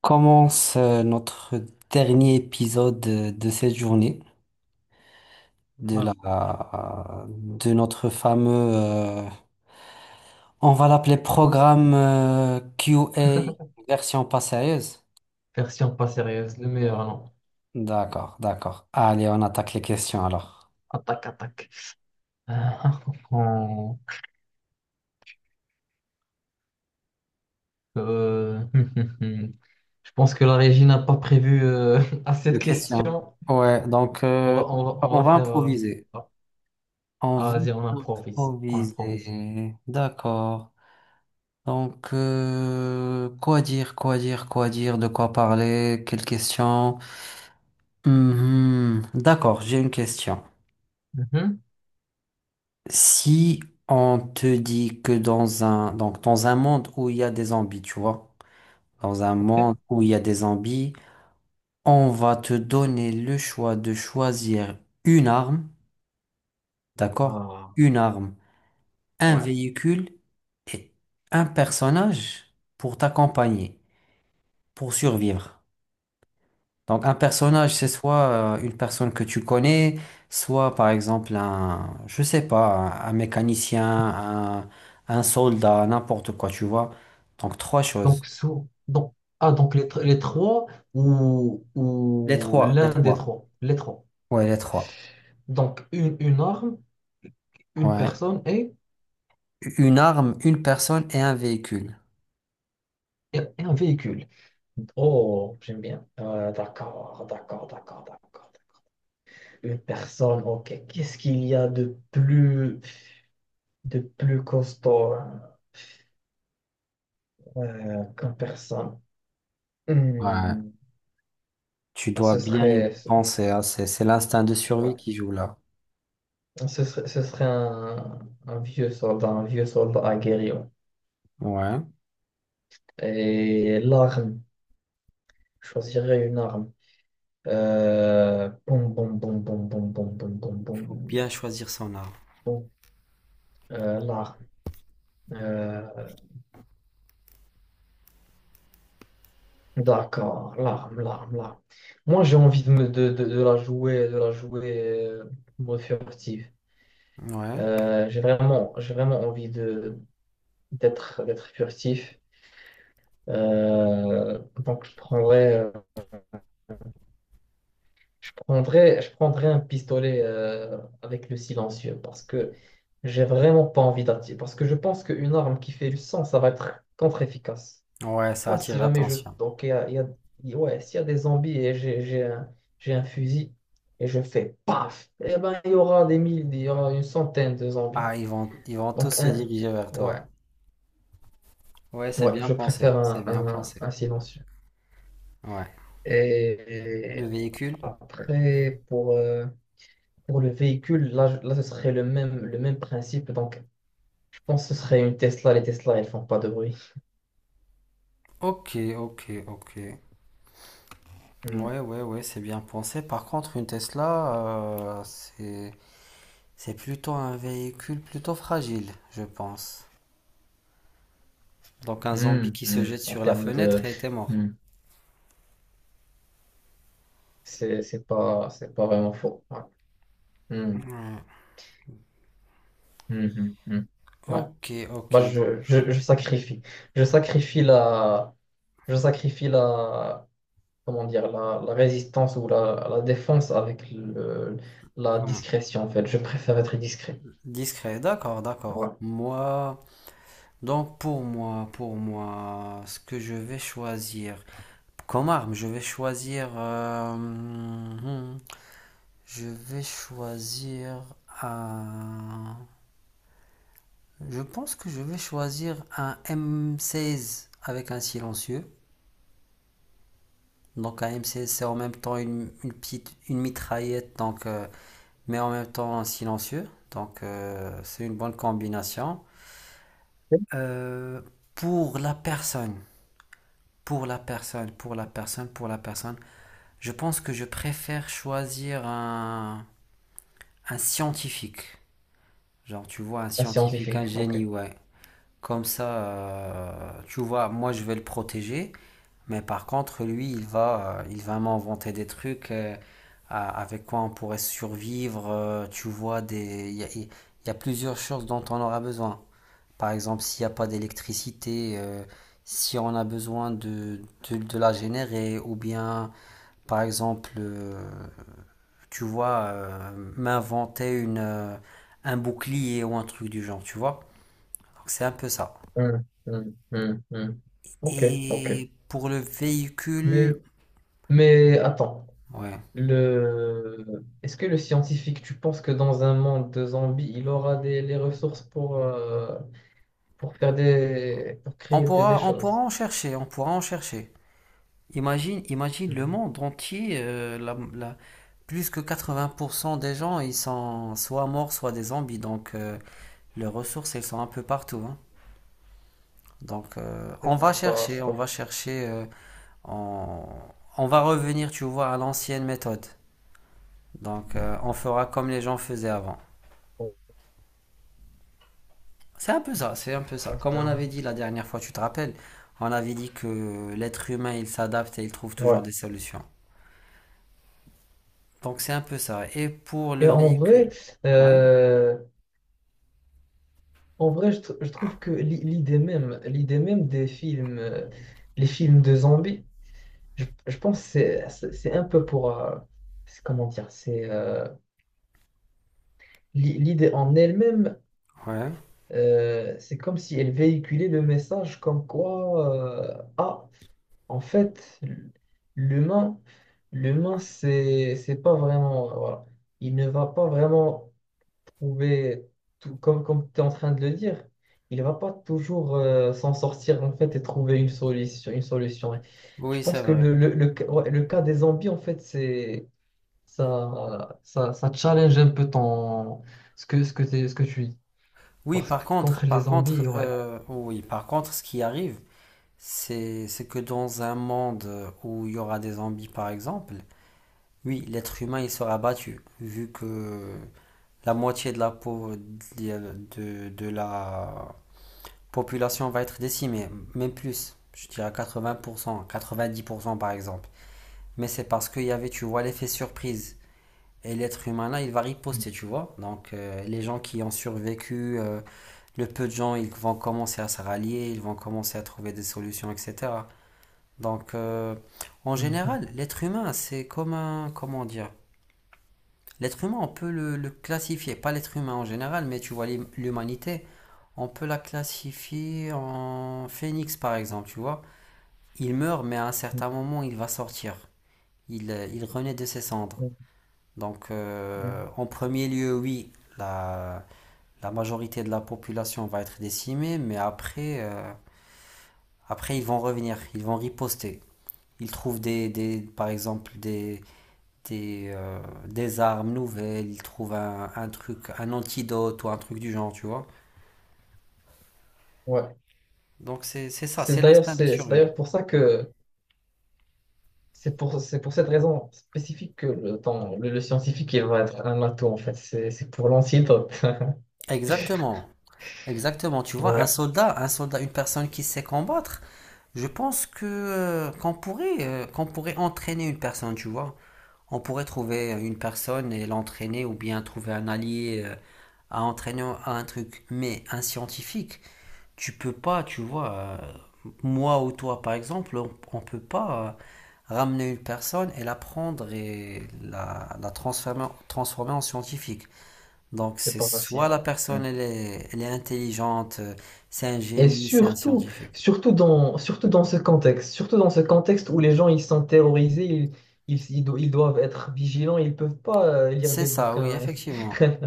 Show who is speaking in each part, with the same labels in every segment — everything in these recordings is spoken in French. Speaker 1: Commence notre dernier épisode de cette journée,
Speaker 2: Ah,
Speaker 1: de notre fameux, on va l'appeler programme QA version pas sérieuse.
Speaker 2: version pas sérieuse, le
Speaker 1: Ouais.
Speaker 2: meilleur, non.
Speaker 1: D'accord, d'accord. Allez, on attaque les questions alors.
Speaker 2: Attaque, attaque. Ah, on- euh, Je pense que la régie n'a pas prévu à cette
Speaker 1: Les questions.
Speaker 2: question.
Speaker 1: Ouais, donc
Speaker 2: On va, on va, on
Speaker 1: on
Speaker 2: va
Speaker 1: va
Speaker 2: faire.
Speaker 1: improviser. On
Speaker 2: Ah,
Speaker 1: va
Speaker 2: vas-y, on improvise. On improvise.
Speaker 1: improviser. D'accord. Donc, quoi dire, quoi dire, quoi dire, de quoi parler, quelles questions? Mhm. D'accord, j'ai une question.
Speaker 2: Mhm.
Speaker 1: Si on te dit que donc dans un monde où il y a des zombies, tu vois, dans un
Speaker 2: Ok.
Speaker 1: monde où il y a des zombies, on va te donner le choix de choisir une arme, d'accord?
Speaker 2: Ah,
Speaker 1: Une arme, un
Speaker 2: ouais.
Speaker 1: véhicule et un personnage pour t'accompagner, pour survivre. Donc un personnage, c'est soit une personne que tu connais, soit par exemple je sais pas, un mécanicien, un soldat, n'importe quoi, tu vois. Donc trois
Speaker 2: Donc,
Speaker 1: choses.
Speaker 2: sous, donc, ah, donc les, tr- les trois
Speaker 1: Les
Speaker 2: ou
Speaker 1: trois, les
Speaker 2: l'un des
Speaker 1: trois.
Speaker 2: trois. Les trois.
Speaker 1: Ouais, les trois.
Speaker 2: Donc, une arme, une
Speaker 1: Ouais.
Speaker 2: personne
Speaker 1: Une arme, une personne et un véhicule.
Speaker 2: et un véhicule. Oh, j'aime bien. D'accord. Une personne, ok. Qu'est-ce qu'il y a de plus costaud hein, qu'une personne?
Speaker 1: Ouais.
Speaker 2: Hmm,
Speaker 1: Tu dois
Speaker 2: ce
Speaker 1: bien y
Speaker 2: serait, ce,
Speaker 1: penser, hein. C'est l'instinct de survie
Speaker 2: ouais.
Speaker 1: qui joue là.
Speaker 2: Ce serait un vieux soldat aguerri. Ouais.
Speaker 1: Ouais.
Speaker 2: Et l'arme, je choisirais une arme. Boum, boum, boum, boum, boum, boum, boum, boum,
Speaker 1: Faut
Speaker 2: boum,
Speaker 1: bien choisir son arme.
Speaker 2: boum. L'arme. Euh, D'accord, l'arme. Moi, j'ai envie de, de la jouer euh, mode furtif.
Speaker 1: Ouais.
Speaker 2: J'ai vraiment envie de d'être furtif. Donc, je prendrais un pistolet avec le silencieux parce que j'ai vraiment pas envie d'attirer. Parce que je pense qu'une arme qui fait le sang, ça va être contre-efficace.
Speaker 1: Ouais, ça
Speaker 2: Pense
Speaker 1: attire
Speaker 2: si jamais je...
Speaker 1: l'attention.
Speaker 2: Donc, il y a, il y a- il- ouais, s'il y a des zombies et j'ai un fusil et je fais paf, eh ben, il y aura une centaine de zombies.
Speaker 1: Ah, ils vont tous
Speaker 2: Donc,
Speaker 1: se
Speaker 2: un,
Speaker 1: diriger vers
Speaker 2: ouais,
Speaker 1: toi. Ouais, c'est
Speaker 2: ouais,
Speaker 1: bien
Speaker 2: je
Speaker 1: pensé,
Speaker 2: préfère
Speaker 1: c'est bien pensé.
Speaker 2: un silencieux.
Speaker 1: Ouais.
Speaker 2: Et
Speaker 1: Le véhicule?
Speaker 2: après, pour le véhicule, là, ce serait le même principe. Donc, je pense que ce serait une Tesla. Les Tesla, elles font pas de bruit.
Speaker 1: Ok, ok, ok.
Speaker 2: Hmm.
Speaker 1: Ouais, ouais, ouais, c'est bien pensé. Par contre, une Tesla, c'est plutôt un véhicule plutôt fragile, je pense. Donc un zombie
Speaker 2: Hmm,
Speaker 1: qui se
Speaker 2: hmm.
Speaker 1: jette
Speaker 2: En
Speaker 1: sur la
Speaker 2: termes de...
Speaker 1: fenêtre et était mort.
Speaker 2: hmm. C'est pas vraiment faux. Ouais. Hmm.
Speaker 1: Hmm.
Speaker 2: Mhm, mhm. Ouais.
Speaker 1: Ok, ok,
Speaker 2: Bah,
Speaker 1: donc
Speaker 2: je sacrifie. Je sacrifie la, je sacrifie la, comment dire, la résistance ou la défense avec le, la
Speaker 1: ouais,
Speaker 2: discrétion, en fait. Je préfère être discret.
Speaker 1: discret, d'accord, d'accord.
Speaker 2: Ouais.
Speaker 1: Moi, donc pour moi, ce que je vais choisir comme arme, je vais choisir. Je vais choisir un. Je pense que je vais choisir un M16 avec un silencieux. Donc un M16 c'est en même temps une petite une mitraillette donc mais en même temps silencieux. Donc c'est une bonne combinaison. Euh, pour la personne, pour la personne, je pense que je préfère choisir un scientifique. Genre tu vois un
Speaker 2: Un
Speaker 1: scientifique,
Speaker 2: scientifique.
Speaker 1: un génie,
Speaker 2: OK.
Speaker 1: ouais. Comme ça, tu vois, moi je vais le protéger, mais par contre, lui, il va m'inventer des trucs avec quoi on pourrait survivre. Tu vois, il y a plusieurs choses dont on aura besoin. Par exemple, s'il n'y a pas d'électricité, si on a besoin de la générer, ou bien, par exemple, tu vois, m'inventer un bouclier ou un truc du genre, tu vois. Donc, c'est un peu ça.
Speaker 2: Hum, hum, hum, hum. OK, OK.
Speaker 1: Et pour le
Speaker 2: Mais,
Speaker 1: véhicule,
Speaker 2: mais attends.
Speaker 1: ouais.
Speaker 2: Le... Est-ce que le scientifique, tu penses que dans un monde de zombies, les ressources pour pour
Speaker 1: On
Speaker 2: créer des
Speaker 1: pourra, on pourra
Speaker 2: choses?
Speaker 1: en chercher, on pourra en chercher. Imagine le monde entier, plus que 80% des gens, ils sont soit morts, soit des zombies. Donc, les ressources, elles sont un peu partout. Hein. Donc, on va chercher,
Speaker 2: C'est
Speaker 1: on
Speaker 2: pas
Speaker 1: va chercher, on, on va revenir, tu vois, à l'ancienne méthode. Donc, on fera comme les gens faisaient avant.
Speaker 2: fou,
Speaker 1: C'est un peu ça, c'est un peu ça. Comme on
Speaker 2: etc.
Speaker 1: avait dit la dernière fois, tu te rappelles, on avait dit que l'être humain, il s'adapte et il trouve toujours
Speaker 2: Ouais.
Speaker 1: des solutions. Donc c'est un peu ça. Et pour le
Speaker 2: Et
Speaker 1: véhicule. Ouais,
Speaker 2: euh, en vrai, je trouve que l'idée même des films, les films de zombies, je pense que c'est un peu pour, c'est- comment dire, c'est l'idée en elle-même,
Speaker 1: ouais.
Speaker 2: c'est comme si elle véhiculait le message comme quoi, ah, en fait, l'humain, l'humain, c'est pas vraiment, voilà, il ne va pas vraiment pouvez, tout, comme tu es en train de le dire, il va pas toujours s'en sortir en fait et trouver une solution, une solution. Et je
Speaker 1: Oui, c'est
Speaker 2: pense que
Speaker 1: vrai.
Speaker 2: ouais, le cas des zombies, en fait, c'est ça challenge un peu ton, ce que tu dis.
Speaker 1: Oui,
Speaker 2: Parce
Speaker 1: par
Speaker 2: que
Speaker 1: contre,
Speaker 2: contre les zombies, ouais.
Speaker 1: oui, par contre, ce qui arrive, c'est que dans un monde où il y aura des zombies, par exemple, oui, l'être humain, il sera battu, vu que la moitié de la peau de la population va être décimée, même plus, je dirais 80%, 90% par exemple. Mais c'est parce qu'il y avait, tu vois, l'effet surprise. Et l'être humain là, il va riposter, tu vois. Donc les gens qui ont survécu, le peu de gens, ils vont commencer à se rallier, ils vont commencer à trouver des solutions, etc. Donc en
Speaker 2: Mhm,
Speaker 1: général, l'être humain, c'est comme un, comment dire, l'être humain, on peut le classifier, pas l'être humain en général, mais tu vois, l'humanité, on peut la classifier en phénix par exemple, tu vois. Il meurt, mais à un certain
Speaker 2: mhm,
Speaker 1: moment, il va sortir. Il renaît de ses cendres.
Speaker 2: mhm,
Speaker 1: Donc,
Speaker 2: mhm.
Speaker 1: en premier lieu, oui, la majorité de la population va être décimée, mais après ils vont revenir, ils vont riposter. Ils trouvent par exemple des, euh, des armes nouvelles, ils trouvent un truc, un antidote ou un truc du genre, tu vois.
Speaker 2: Ouais.
Speaker 1: Donc c'est ça,
Speaker 2: C'est
Speaker 1: c'est
Speaker 2: d'ailleurs,
Speaker 1: l'instinct de
Speaker 2: c'est
Speaker 1: survie.
Speaker 2: d'ailleurs pour ça que c'est pour cette raison spécifique que le scientifique il va être un atout en fait. C'est pour l'antidote.
Speaker 1: Exactement, exactement. Tu vois, un
Speaker 2: Ouais.
Speaker 1: soldat, un soldat, une personne qui sait combattre, je pense que qu'on pourrait entraîner une personne, tu vois. On pourrait trouver une personne et l'entraîner ou bien trouver un allié à entraîner à un truc. Mais un scientifique, tu peux pas, tu vois, moi ou toi par exemple, on peut pas ramener une personne et la prendre et la transformer, en scientifique. Donc
Speaker 2: C'est
Speaker 1: c'est
Speaker 2: pas facile,
Speaker 1: soit la
Speaker 2: hein.
Speaker 1: personne
Speaker 2: Mm.
Speaker 1: elle est intelligente, c'est un
Speaker 2: Et
Speaker 1: génie, c'est un
Speaker 2: surtout,
Speaker 1: scientifique.
Speaker 2: surtout dans ce contexte, surtout dans ce contexte où les gens ils sont terrorisés, ils doivent être vigilants, ils peuvent pas lire
Speaker 1: C'est
Speaker 2: des
Speaker 1: ça, oui,
Speaker 2: bouquins.
Speaker 1: effectivement.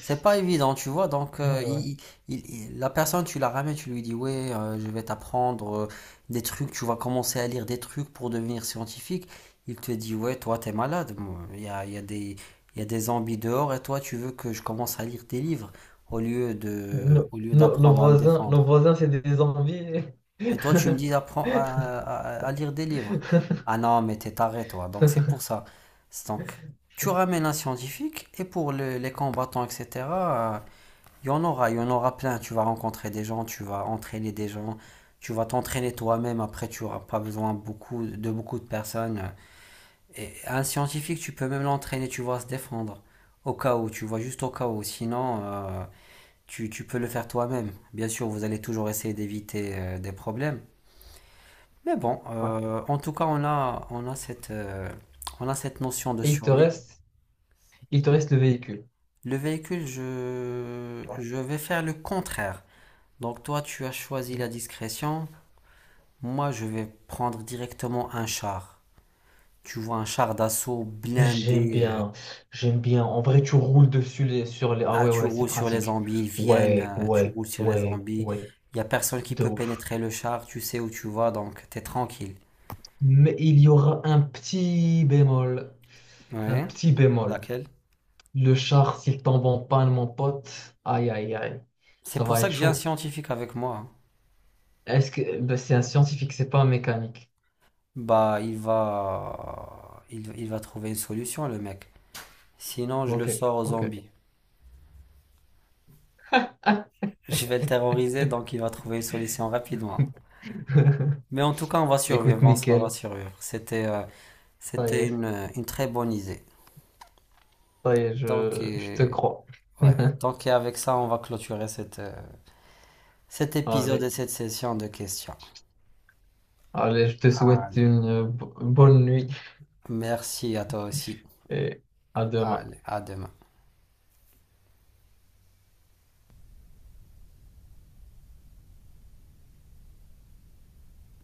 Speaker 1: C'est pas évident, tu vois. Donc,
Speaker 2: Ouais, ouais.
Speaker 1: la personne, tu la ramènes, tu lui dis, ouais, je vais t'apprendre des trucs, tu vas commencer à lire des trucs pour devenir scientifique. Il te dit, ouais, toi, t'es malade. Moi. Il y a des zombies dehors et toi, tu veux que je commence à lire tes livres au lieu
Speaker 2: Nos
Speaker 1: d'apprendre à me
Speaker 2: voisins,
Speaker 1: défendre.
Speaker 2: nos voisins, c'est des envies.
Speaker 1: Et toi, tu me dis d'apprendre à lire des livres. Ah non, mais t'es taré, toi. Donc, c'est
Speaker 2: Ouais.
Speaker 1: pour ça. C'est Donc, tu ramènes un scientifique et pour les combattants, etc. Il y en aura, il y en aura plein. Tu vas rencontrer des gens, tu vas entraîner des gens, tu vas t'entraîner toi-même. Après, tu n'auras pas besoin de beaucoup de personnes. Et un scientifique, tu peux même l'entraîner, tu vas se défendre. Au cas où, tu vois, juste au cas où. Sinon, tu peux le faire toi-même. Bien sûr, vous allez toujours essayer d'éviter des problèmes. Mais bon, en tout cas, on a cette notion de
Speaker 2: Et
Speaker 1: survie.
Speaker 2: il te reste le véhicule.
Speaker 1: Le véhicule, je,
Speaker 2: Ouais.
Speaker 1: je vais faire le contraire. Donc toi, tu as choisi la
Speaker 2: Ouais.
Speaker 1: discrétion. Moi, je vais prendre directement un char. Tu vois, un char d'assaut
Speaker 2: J'aime
Speaker 1: blindé.
Speaker 2: bien, j'aime bien. En vrai, tu roules dessus les, sur les. Ah ouais,
Speaker 1: Tu
Speaker 2: ouais, c'est
Speaker 1: roules sur les
Speaker 2: pratique.
Speaker 1: zombies, ils viennent,
Speaker 2: Ouais,
Speaker 1: tu
Speaker 2: ouais,
Speaker 1: roules sur les
Speaker 2: ouais,
Speaker 1: zombies.
Speaker 2: ouais,
Speaker 1: Il n'y a personne qui
Speaker 2: de
Speaker 1: peut
Speaker 2: ouf.
Speaker 1: pénétrer le char, tu sais où tu vas, donc t'es tranquille.
Speaker 2: Mais il y aura un petit bémol. Un
Speaker 1: Ouais.
Speaker 2: petit bémol.
Speaker 1: Laquelle?
Speaker 2: Le char, s'il tombe en panne, mon pote, aïe aïe aïe,
Speaker 1: C'est
Speaker 2: ça
Speaker 1: pour
Speaker 2: va
Speaker 1: ça
Speaker 2: être
Speaker 1: que j'ai un
Speaker 2: chaud.
Speaker 1: scientifique avec moi. Hein.
Speaker 2: Est-ce que ben, c'est un scientifique, c'est pas un mécanique.
Speaker 1: Bah, il va trouver une solution, le mec. Sinon, je le
Speaker 2: Ok,
Speaker 1: sors aux
Speaker 2: ok.
Speaker 1: zombies.
Speaker 2: Ah.
Speaker 1: Je vais le terroriser, donc il va trouver une solution rapidement. Mais en tout cas, on va
Speaker 2: Écoute,
Speaker 1: survivre, on va
Speaker 2: nickel.
Speaker 1: survivre. C'était... euh,
Speaker 2: Ça y
Speaker 1: C'était
Speaker 2: est,
Speaker 1: une très bonne idée.
Speaker 2: ça y est,
Speaker 1: Donc,
Speaker 2: je te crois.
Speaker 1: ouais. Donc, et avec ça, on va clôturer cet épisode
Speaker 2: Allez,
Speaker 1: et cette session de questions.
Speaker 2: allez, je te souhaite
Speaker 1: Allez,
Speaker 2: une bonne nuit
Speaker 1: merci à toi aussi.
Speaker 2: et à demain.
Speaker 1: Allez, à demain.